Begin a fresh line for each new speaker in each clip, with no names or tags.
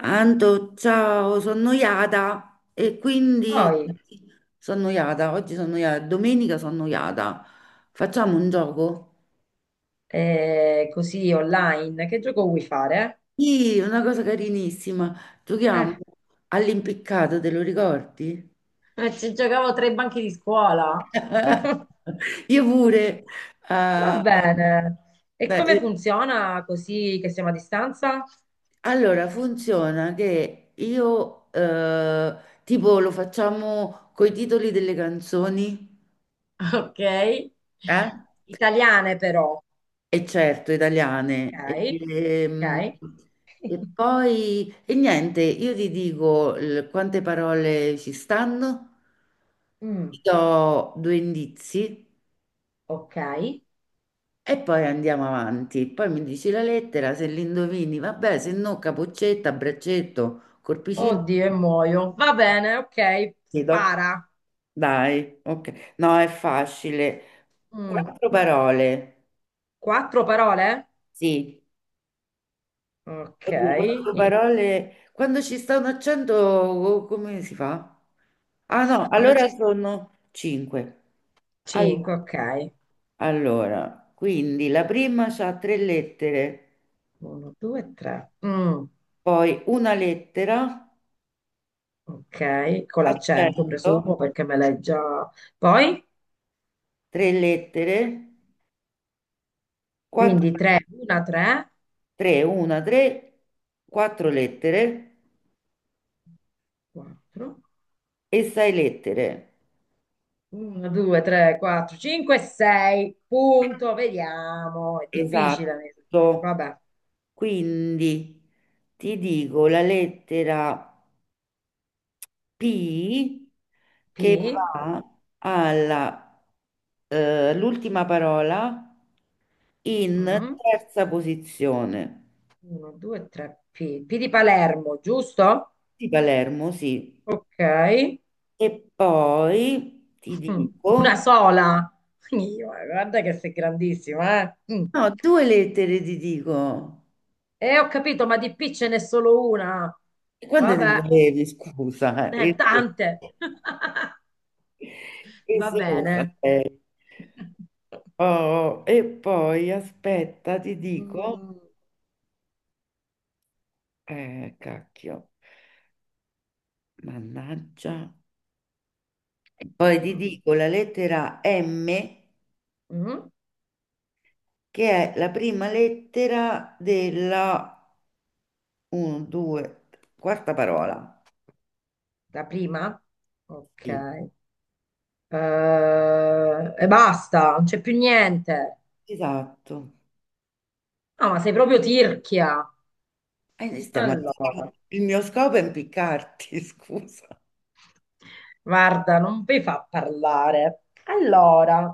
Anto, ciao, sono noiata e quindi
Poi,
sono noiata, oggi sono noiata, domenica sono noiata. Facciamo un gioco?
così online, che gioco vuoi fare?
Sì, una cosa carinissima. Giochiamo
Eh,
all'impiccato, te lo ricordi?
Ci giocavo tra i banchi di scuola.
Io pure.
va
eh,
bene. E
beh,
come
eh,
funziona così che siamo a distanza?
allora, funziona che io tipo lo facciamo coi titoli delle canzoni,
Ok.
eh?
Italiane però.
E certo, italiane. E,
Ok,
ehm,
ok.
e poi, e niente, io ti dico quante parole ci stanno, ti
Mm,
do due indizi
ok.
e poi andiamo avanti. Poi mi dici la lettera, se l'indovini, vabbè, se no capoccetta, braccetto, corpicino,
Oddio, e muoio. Va bene, ok.
ti do.
Spara.
Dai, ok. No, è facile.
Mm,
Quattro parole,
Quattro parole?
sì.
Ok.
Oddio, quattro parole. Quando ci sta un accento, oh, come si fa? Ah no,
Quando
allora
ci...
sono cinque. All-
Cinque, ok.
Allora, quindi la prima ha tre lettere,
Uno, due, tre. Mm,
poi una lettera,
ok, con l'accento
accento,
presumo perché me l'hai già. Poi,
tre lettere, quattro,
quindi 3, 1, 3,
tre, una, tre, quattro lettere
4,
e sei lettere.
1, 2, 3, 4, 5, 6. Punto, vediamo. È difficile.
Esatto.
Vabbè,
Quindi ti dico la lettera. P che
P.
va alla l'ultima parola in
1,
terza posizione.
2, 3, P. P di Palermo, giusto?
Di Palermo, sì.
Ok.
E poi ti
Mm, una
dico,
sola. Io, guarda che sei grandissima, eh? Mm.
no, due lettere ti dico.
E ho capito, ma di P ce n'è solo una.
E quando te le
Vabbè,
levi, scusa? E
tante. Va
esosa
bene.
sei. Oh, e poi aspetta, ti dico,
Mm,
cacchio, mannaggia. Poi ti
mm,
dico la lettera M,
mm.
che è la prima lettera della 1, 2, quarta parola.
La prima? Ok.
Sì.
E basta, non c'è più niente.
Esatto.
No, ma sei proprio tirchia.
E noi stiamo.
Allora,
Il mio scopo è impiccarti, scusa.
guarda, non mi fa parlare. Allora.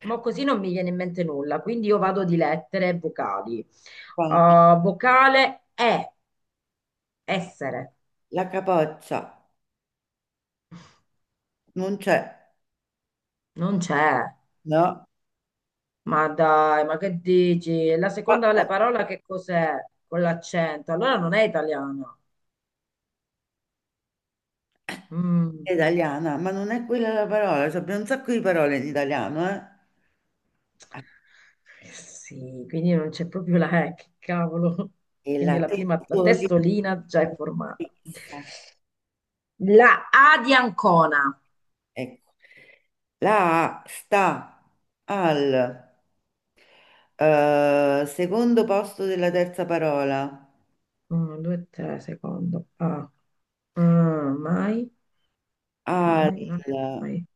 Ma così non mi viene in mente nulla, quindi io vado di lettere e vocali.
Poi,
Vocale è essere,
la capoccia non c'è,
non c'è.
no?
Ma dai, ma che dici? La
Ah,
seconda
ah,
la parola che cos'è? Con l'accento, allora non è italiana. Mm,
è italiana, ma non è quella la parola. Cioè, abbiamo un sacco di parole in italiano, eh? Ah,
sì, quindi non c'è proprio la E, che cavolo.
e la
Quindi la prima, la
testolina.
testolina già è formata. La A di Ancona.
Ecco, la A sta al secondo posto della terza parola,
1, 2, 3, secondo. A. Mm, mai.
al
Mai, non è mai.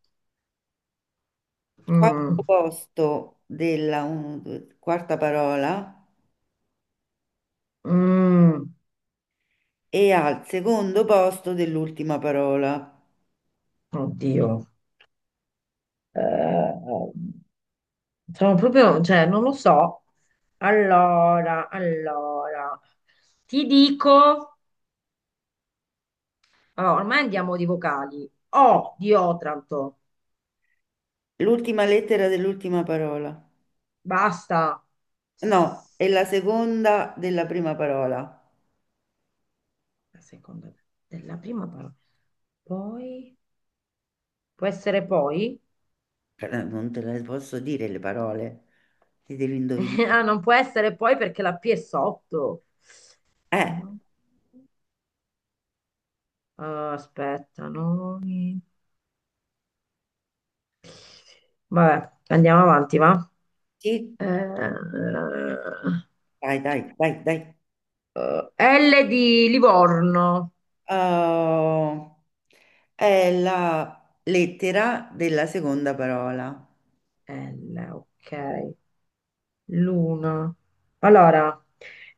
quarto
Mm,
posto della quarta parola
mm,
e al secondo posto dell'ultima parola.
oddio. Eh, sono proprio, cioè, non lo so. Allora, allora, ti dico, allora, ormai andiamo di vocali. O di Otranto,
L'ultima lettera dell'ultima parola.
basta.
No, è la seconda della prima parola.
La seconda della prima parola. Poi, può essere poi?
Non te le posso dire le parole, ti devi indovinare.
Ah, non può essere poi perché la P è sotto.
Eh,
No. Ah, aspetta, no. Vabbè, andiamo avanti, va?
sì,
Eh,
dai, dai, dai, dai.
L di Livorno.
Oh, è la lettera della seconda parola.
L, ok. Luna. Allora,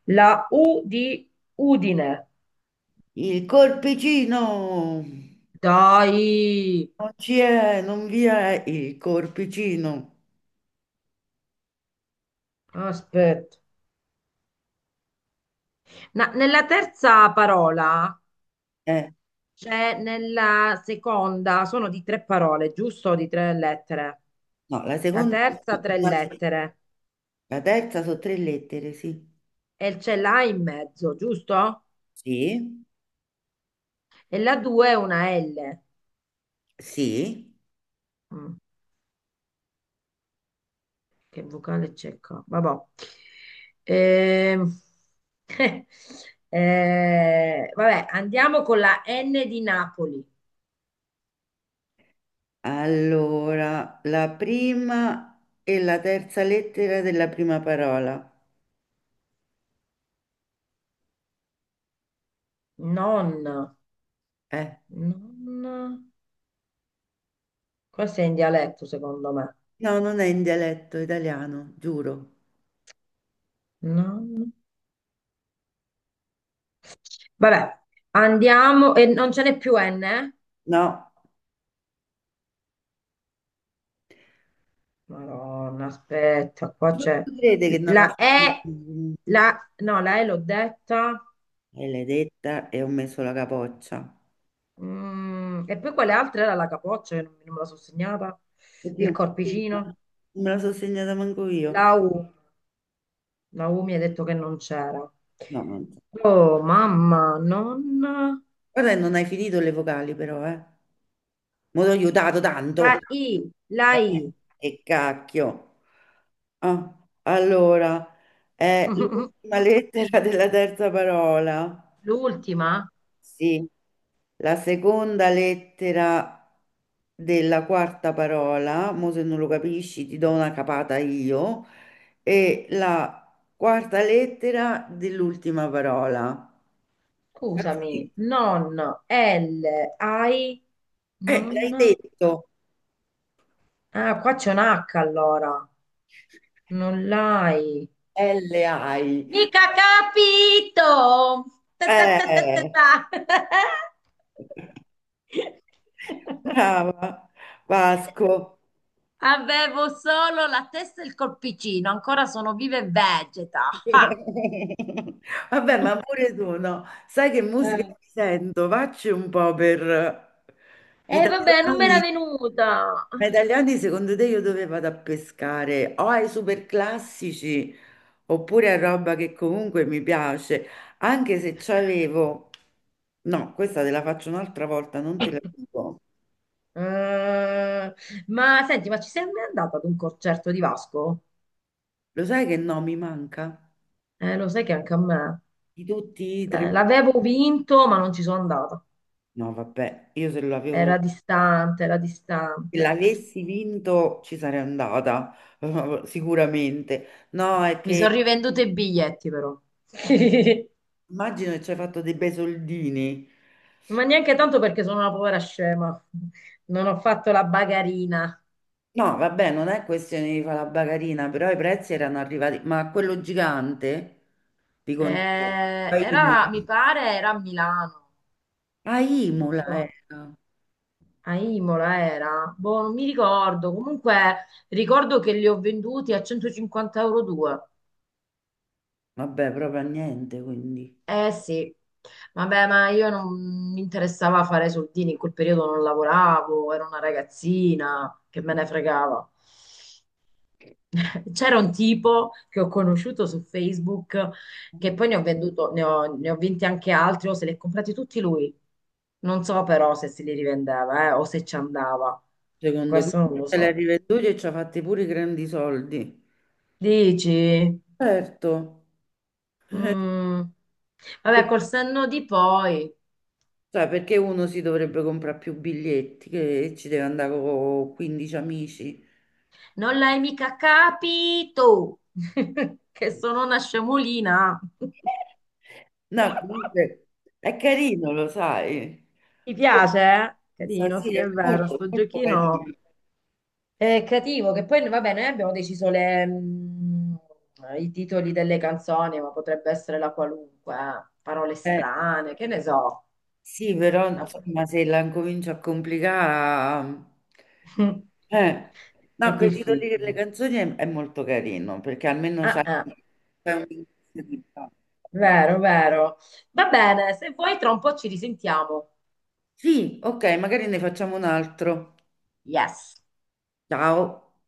la U di Udine.
Il corpicino!
Dai,
Non ci è, non vi è il corpicino.
aspetta. Nella terza parola,
Eh,
cioè nella seconda, sono di tre parole, giusto? Di tre lettere.
no, la
La
seconda,
terza tre lettere
la terza sono tre lettere, sì.
e c'è l'A in mezzo, giusto?
Sì,
E la due è una L.
sì.
Mm, che vocale c'è qua? Vabbè. Ehm, vabbè, andiamo con la N di Napoli.
Allora, la prima e la terza lettera della prima parola.
Non,
Eh,
non, questo è in dialetto secondo me.
no, non è in dialetto italiano, giuro.
Non. Vabbè, andiamo e non ce n'è più N, eh?
No.
Madonna, aspetta, qua
Non
c'è
si crede che non la
la E,
senti?
la, no, la E l'ho detta.
E l'hai detta e ho messo la capoccia.
Mm, e poi quale altra era la capoccia che non, non me la sono segnata? Il
Oddio, ma scusa,
corpicino?
non me la sono segnata manco io.
La U. La U mi ha detto che non c'era.
No, non so.
Oh, mamma, non...
Guarda, che non hai finito le vocali però, eh. Mi ho aiutato
La
tanto.
I, la I.
Eh, che cacchio. Ah, allora, è l'ultima lettera della terza parola.
L'ultima?
Sì, la seconda lettera della quarta parola, mo se non lo capisci ti do una capata io, e la quarta lettera dell'ultima parola. Sì.
Scusami. Non, L, I,
L'hai
non...
detto.
Ah, qua c'è un H allora. Non l'hai.
LI.
Mica capito! Ta, ta, ta, ta, ta,
Eh,
ta.
brava Vasco.
Avevo solo la testa e il corpicino, ancora sono viva e vegeta. Ah.
Vabbè, ma pure tu, no? Sai che musica
Eh.
mi sento? Vacci un po' per
Vabbè, non me era
italiani.
venuta.
Ma italiani, secondo te, io dove vado a pescare? O ai super classici oppure a roba che comunque mi piace, anche se c'avevo. No, questa te la faccio un'altra volta, non te la dico.
Eh, ma senti, ma ci sei mai andata ad un concerto di Vasco?
Lo sai che no, mi manca?
Lo sai che anche a me.
Di tutti i
Eh,
tre.
l'avevo vinto, ma non ci sono andata.
No, vabbè, io se lo avevo.
Era distante, era
Se
distante.
l'avessi vinto ci sarei andata, sicuramente. No, è
Mi
che
sono rivenduto i biglietti però. Sì.
immagino che ci hai fatto dei bei soldini.
Ma neanche tanto perché sono una povera scema. Non ho fatto la bagarina.
No, vabbè, non è questione di fare la bagarina, però i prezzi erano arrivati. Ma quello gigante di concerto a
Era,
Imola,
mi pare, era a Milano.
a
Non
Imola
so,
era.
a Imola era. Boh, non mi ricordo. Comunque ricordo che li ho venduti a 150 euro due.
Vabbè, proprio a niente, quindi.
Eh sì. Vabbè, ma io non mi interessava fare soldini, in quel periodo non lavoravo, ero una ragazzina, che me ne fregava. C'era un tipo che ho conosciuto su Facebook che poi ne ho venduto, ne ho vinti anche altri, o se li ha comprati tutti lui. Non so però se se li rivendeva, o se ci andava.
Secondo me
Questo non lo
se l'ha
so.
rivenduto e ci ha fatti pure i grandi soldi.
Dici?
Certo.
Mm. Vabbè, col senno di poi.
Cioè, perché uno si dovrebbe comprare più biglietti che ci deve andare con 15 amici?
Non l'hai mica capito, che sono una scemolina.
No, comunque è carino, lo sai.
Mi
Pure-
piace, eh? Carino,
Sì,
sì, è
è
vero,
molto,
sto
molto
giochino.
carino.
Creativo, che poi vabbè, noi abbiamo deciso le, i titoli delle canzoni, ma potrebbe essere la qualunque, eh. Parole
Eh,
strane, che ne so.
sì, però
La-
insomma, se la incomincio a complicare... Eh,
È
no, quei titoli delle
difficile.
canzoni è molto carino, perché almeno
Ah,
c'hai
ah,
c'hai un...
vero, vero. Va bene, se vuoi tra un po' ci risentiamo.
Sì, ok, magari ne facciamo un altro.
Yes.
Ciao.